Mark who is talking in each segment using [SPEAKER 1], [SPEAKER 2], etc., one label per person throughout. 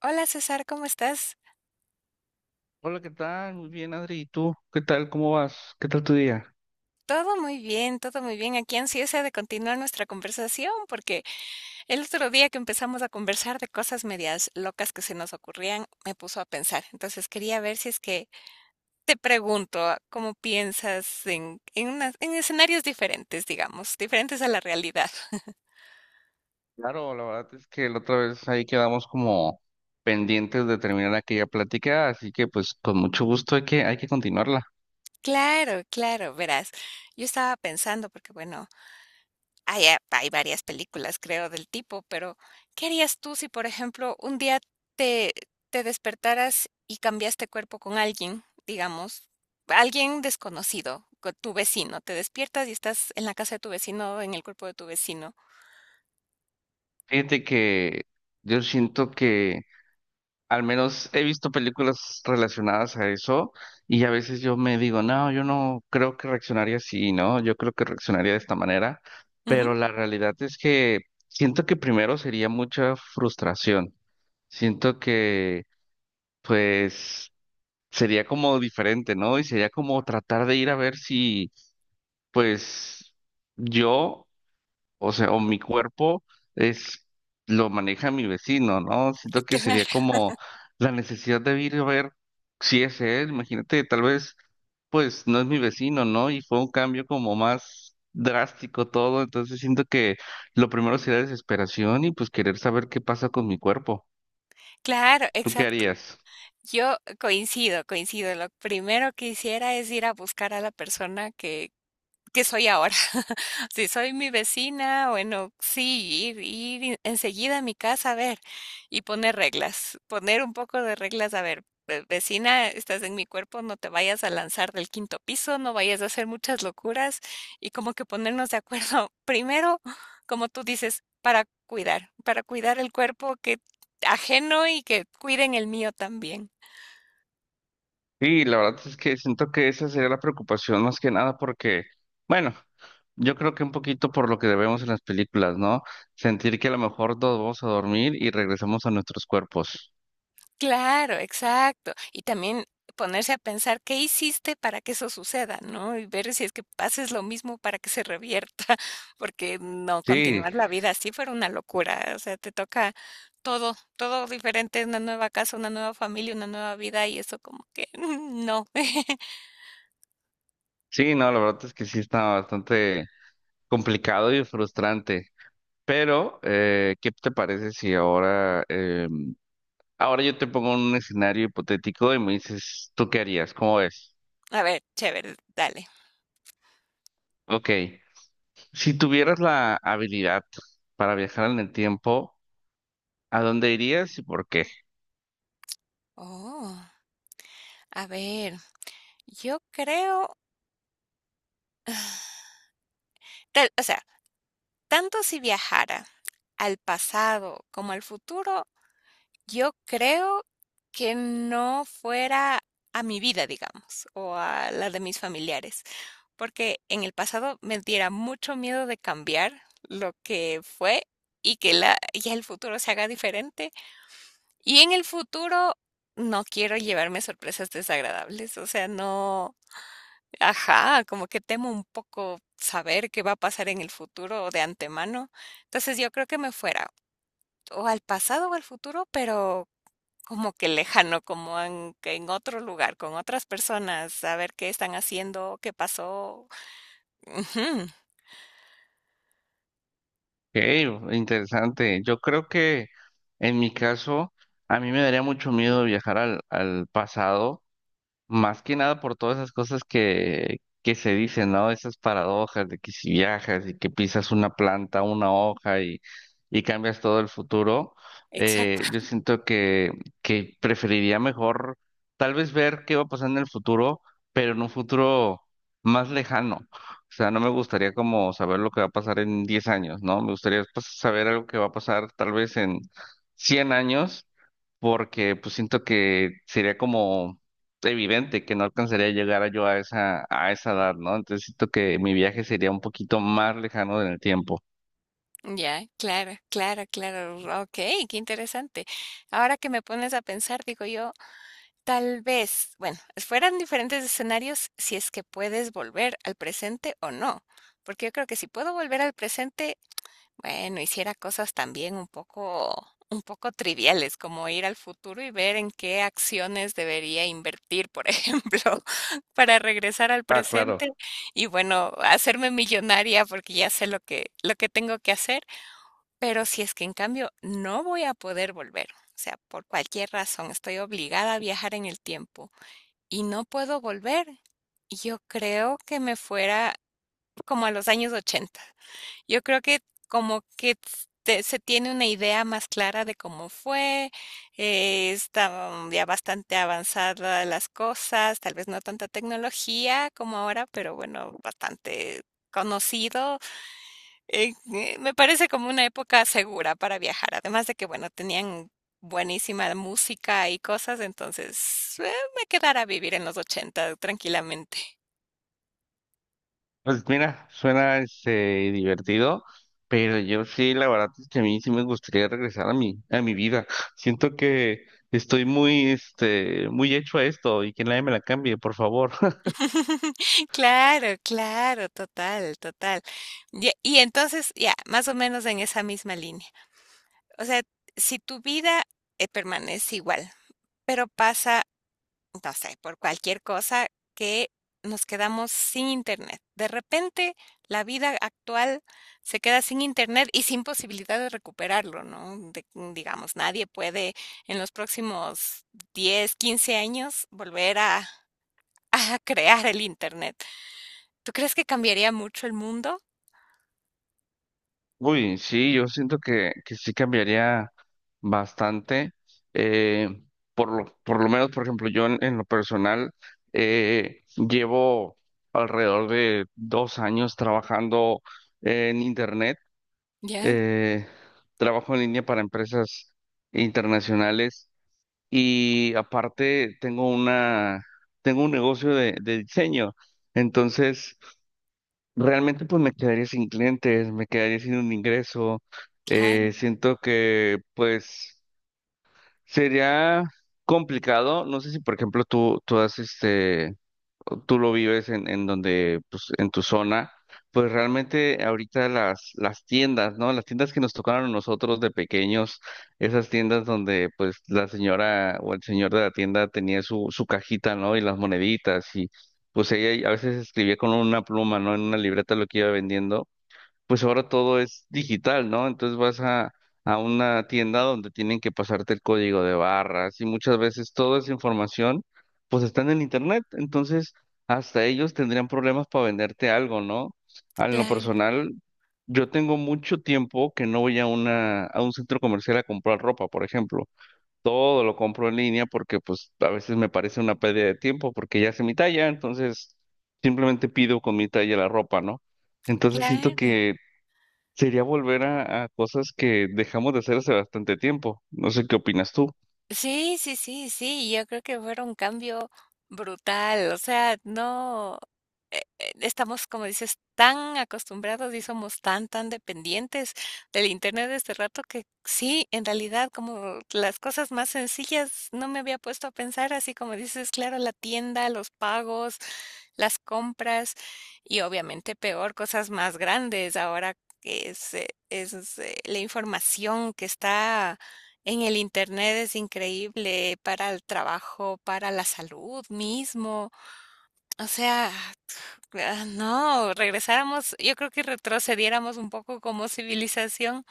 [SPEAKER 1] Hola César, ¿cómo estás?
[SPEAKER 2] Hola, ¿qué tal? Muy bien, Adri. ¿Y tú? ¿Qué tal? ¿Cómo vas? ¿Qué tal tu día?
[SPEAKER 1] Todo muy bien, todo muy bien. Aquí ansiosa de continuar nuestra conversación porque el otro día que empezamos a conversar de cosas medias locas que se nos ocurrían, me puso a pensar. Entonces quería ver si es que te pregunto cómo piensas unas- en escenarios diferentes, digamos, diferentes a la realidad.
[SPEAKER 2] Claro, la verdad es que la otra vez ahí quedamos como pendientes de terminar aquella plática, así que pues con mucho gusto hay que continuarla.
[SPEAKER 1] Claro, claro, verás. Yo estaba pensando porque, bueno, hay a hay varias películas, creo, del tipo, pero ¿qué harías tú si, por ejemplo, un día te te despertaras y cambiaste cuerpo con alguien, digamos, alguien desconocido, con tu vecino? Te despiertas y estás en la casa de tu vecino, en el cuerpo de tu vecino.
[SPEAKER 2] Fíjate que yo siento que al menos he visto películas relacionadas a eso y a veces yo me digo, no, yo no creo que reaccionaría así, ¿no? Yo creo que reaccionaría de esta manera, pero
[SPEAKER 1] Ujú.
[SPEAKER 2] la realidad es que siento que primero sería mucha frustración. Siento que pues sería como diferente, ¿no? Y sería como tratar de ir a ver si, pues, yo, o sea, o mi cuerpo es, lo maneja mi vecino, ¿no? Siento que sería
[SPEAKER 1] Claro,
[SPEAKER 2] como la necesidad de ir a ver si es él, imagínate, tal vez, pues, no es mi vecino, ¿no? Y fue un cambio como más drástico todo, entonces siento que lo primero sería desesperación y pues querer saber qué pasa con mi cuerpo.
[SPEAKER 1] claro,
[SPEAKER 2] ¿Tú qué
[SPEAKER 1] exacto.
[SPEAKER 2] harías?
[SPEAKER 1] Yo coincido, coincido. Lo primero que hiciera es ir a buscar a la persona que soy ahora. Si soy mi vecina, bueno, sí, ir, ir en- enseguida a mi casa a ver y poner reglas, poner un poco de reglas, a ver, ve- vecina, estás en mi cuerpo, no te vayas a lanzar del quinto piso, no vayas a hacer muchas locuras y como que ponernos de acuerdo, primero, como tú dices, para cuidar el cuerpo que ajeno y que cuiden el mío también.
[SPEAKER 2] Sí, la verdad es que siento que esa sería la preocupación más que nada porque, bueno, yo creo que un poquito por lo que debemos en las películas, ¿no? Sentir que a lo mejor nos vamos a dormir y regresamos a nuestros cuerpos.
[SPEAKER 1] Claro, exacto. Y también ponerse a pensar qué hiciste para que eso suceda, ¿no? Y ver si es que haces lo mismo para que se revierta, porque no,
[SPEAKER 2] Sí,
[SPEAKER 1] continuar la vida así fuera una locura. O sea, te toca todo, todo diferente, una nueva casa, una nueva familia, una nueva vida, y eso como que no.
[SPEAKER 2] sí, no, la verdad es que sí está bastante complicado y frustrante. Pero, ¿qué te parece si ahora, ahora yo te pongo un escenario hipotético y me dices, ¿tú qué harías? ¿Cómo ves?
[SPEAKER 1] A ver, chévere, dale.
[SPEAKER 2] Ok, si tuvieras la habilidad para viajar en el tiempo, ¿a dónde irías y por qué?
[SPEAKER 1] Oh, a ver, yo creo, tal- o sea, tanto si viajara al pasado como al futuro, yo creo que no fuera a mi vida, digamos, o a la de mis familiares, porque en el pasado me diera mucho miedo de cambiar lo que fue y que la, ya el futuro se haga diferente. Y en el futuro no quiero llevarme sorpresas desagradables, o sea, no, ajá, como que temo un poco saber qué va a pasar en el futuro de antemano. Entonces yo creo que me fuera o al pasado o al futuro, pero como que lejano, como en, que en otro lugar, con otras personas, saber qué están haciendo, qué pasó. Ujú.
[SPEAKER 2] Ok, interesante. Yo creo que en mi caso, a mí me daría mucho miedo viajar al pasado. Más que nada por todas esas cosas que se dicen, ¿no? Esas paradojas de que si viajas y que pisas una planta, una hoja y cambias todo el futuro,
[SPEAKER 1] Exacto.
[SPEAKER 2] yo siento que preferiría mejor tal vez ver qué va a pasar en el futuro, pero en un futuro más lejano. O sea, no me gustaría como saber lo que va a pasar en 10 años, ¿no? Me gustaría pues, saber algo que va a pasar tal vez en 100 años porque pues siento que sería como evidente que no alcanzaría a llegar yo a esa edad, ¿no? Entonces siento que mi viaje sería un poquito más lejano en el tiempo.
[SPEAKER 1] Ya, claro, claro, claro. Ok, qué interesante. Ahora que me pones a pensar, digo yo, tal vez, bueno, fueran diferentes escenarios si es que puedes volver al presente o no. Porque yo creo que si puedo volver al presente, bueno, hiciera cosas también un poco triviales, como ir al futuro y ver en qué acciones debería invertir, por ejemplo, para regresar al
[SPEAKER 2] Ah, claro.
[SPEAKER 1] presente y bueno, hacerme millonaria porque ya sé lo que tengo que hacer. Pero si es que en cambio no voy a poder volver, o sea, por cualquier razón estoy obligada a viajar en el tiempo y no puedo volver, yo creo que me fuera como a los años 80. Yo creo que como que te- se tiene una idea más clara de cómo fue, estaban ya bastante avanzadas las cosas, tal vez no tanta tecnología como ahora, pero bueno, bastante conocido. Me parece como una época segura para viajar, además de que, bueno, tenían buenísima música y cosas, entonces me quedara a vivir en los 80 tranquilamente.
[SPEAKER 2] Pues mira, suena este divertido, pero yo sí, la verdad es que a mí sí me gustaría regresar a mi vida. Siento que estoy muy, este, muy hecho a esto y que nadie me la cambie, por favor.
[SPEAKER 1] Claro, claro, total, total. Ya, y entonces, ya, más o menos en esa misma línea. O sea, si tu vida, permanece igual, pero pasa, no sé, por cualquier cosa que nos quedamos sin internet. De repente, la vida actual se queda sin internet y sin posibilidad de recuperarlo, ¿no? De- digamos, nadie puede en los próximos 10, 15 años volver a, a crear el internet. ¿Tú crees que cambiaría mucho el mundo?
[SPEAKER 2] Uy, sí, yo siento que sí cambiaría bastante. eh, por lo, por lo menos, por ejemplo, yo en lo personal llevo alrededor de 2 años trabajando en internet.
[SPEAKER 1] Ya.
[SPEAKER 2] eh, Trabajo en línea para empresas internacionales y aparte tengo una, tengo un negocio de diseño. Entonces, realmente pues me quedaría sin clientes, me quedaría sin un ingreso.
[SPEAKER 1] Claro,
[SPEAKER 2] Siento que pues sería complicado. No sé si por ejemplo tú has este, tú lo vives en donde, pues, en tu zona, pues realmente ahorita las tiendas, ¿no? Las tiendas que nos tocaron a nosotros de pequeños, esas tiendas donde, pues, la señora o el señor de la tienda tenía su, su cajita, ¿no? Y las moneditas y, pues, ella a veces escribía con una pluma, ¿no? En una libreta lo que iba vendiendo pues ahora todo es digital, ¿no? Entonces vas a una tienda donde tienen que pasarte el código de barras y muchas veces toda esa información pues está en el internet, entonces hasta ellos tendrían problemas para venderte algo, ¿no? A lo
[SPEAKER 1] claro,
[SPEAKER 2] personal, yo tengo mucho tiempo que no voy a una, a un centro comercial a comprar ropa, por ejemplo. Todo lo compro en línea porque pues a veces me parece una pérdida de tiempo porque ya sé mi talla, entonces simplemente pido con mi talla la ropa, ¿no? Entonces siento
[SPEAKER 1] claro.
[SPEAKER 2] que sería volver a cosas que dejamos de hacer hace bastante tiempo. No sé qué opinas tú.
[SPEAKER 1] Sí, sí, sí, sí, yo creo que fuera un cambio brutal, o sea, no estamos, como dices, tan acostumbrados y somos tan dependientes del internet de este rato que sí, en realidad, como las cosas más sencillas, no me había puesto a pensar, así como dices, claro, la tienda, los pagos, las compras y obviamente peor, cosas más grandes ahora que es, es la información que está en el internet es increíble para el trabajo, para la salud mismo. O sea, ah, no, regresáramos, yo creo que retrocediéramos un poco como civilización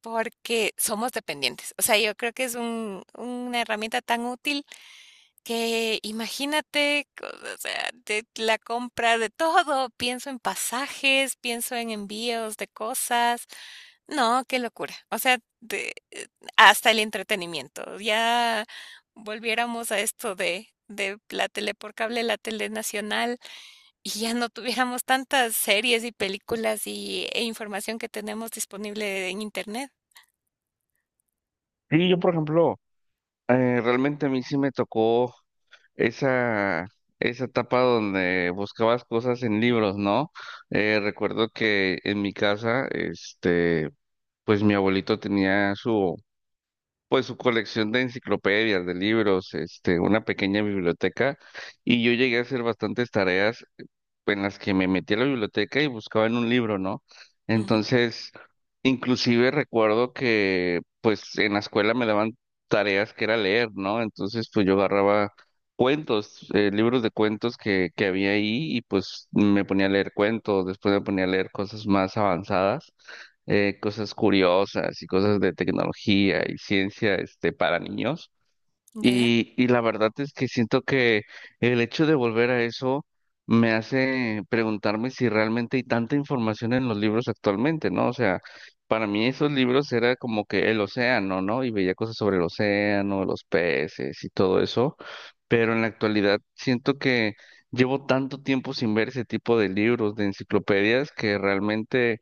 [SPEAKER 1] porque somos dependientes. O sea, yo creo que es un, una herramienta tan útil que imagínate, co- o sea, de la compra de todo. Pienso en pasajes, pienso en envíos de cosas, no, qué locura. O sea, de- hasta el entretenimiento. Ya volviéramos a esto de la tele por cable, la tele nacional, y ya no tuviéramos tantas series y películas y, e información que tenemos disponible en internet.
[SPEAKER 2] Sí, yo, por ejemplo, realmente a mí sí me tocó esa, esa etapa donde buscabas cosas en libros, ¿no? Recuerdo que en mi casa, este, pues mi abuelito tenía su, pues su colección de enciclopedias, de libros, este, una pequeña biblioteca, y yo llegué a hacer bastantes tareas en las que me metí a la biblioteca y buscaba en un libro, ¿no?
[SPEAKER 1] Ujú.
[SPEAKER 2] Entonces, inclusive recuerdo que pues en la escuela me daban tareas que era leer, ¿no? Entonces, pues yo agarraba cuentos, libros de cuentos que había ahí y pues me ponía a leer cuentos, después me ponía a leer cosas más avanzadas. Cosas curiosas y cosas de tecnología y ciencia, este, para niños.
[SPEAKER 1] Ya.
[SPEAKER 2] Y la verdad es que siento que el hecho de volver a eso me hace preguntarme si realmente hay tanta información en los libros actualmente, ¿no? O sea, para mí esos libros era como que el océano, ¿no? Y veía cosas sobre el océano, los peces y todo eso, pero en la actualidad siento que llevo tanto tiempo sin ver ese tipo de libros, de enciclopedias, que realmente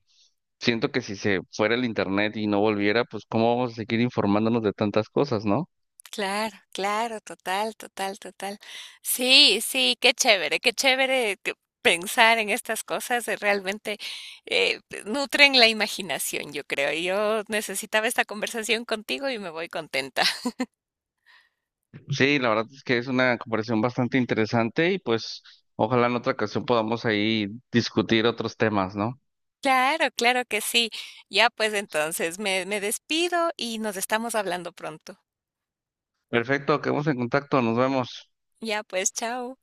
[SPEAKER 2] siento que si se fuera el internet y no volviera, pues ¿cómo vamos a seguir informándonos de tantas cosas, ¿no?
[SPEAKER 1] Claro, claro, total, total, total. Sí, sí, qué chévere que pensar en estas cosas, realmente nutren la imaginación, yo creo. Yo necesitaba esta conversación contigo y me voy contenta.
[SPEAKER 2] Sí, la verdad es que es una comparación bastante interesante y pues ojalá en otra ocasión podamos ahí discutir otros temas, ¿no?
[SPEAKER 1] Claro, claro que sí. Ya pues entonces me despido y nos estamos hablando pronto.
[SPEAKER 2] Perfecto, quedamos en contacto, nos vemos.
[SPEAKER 1] Ya pues, chao.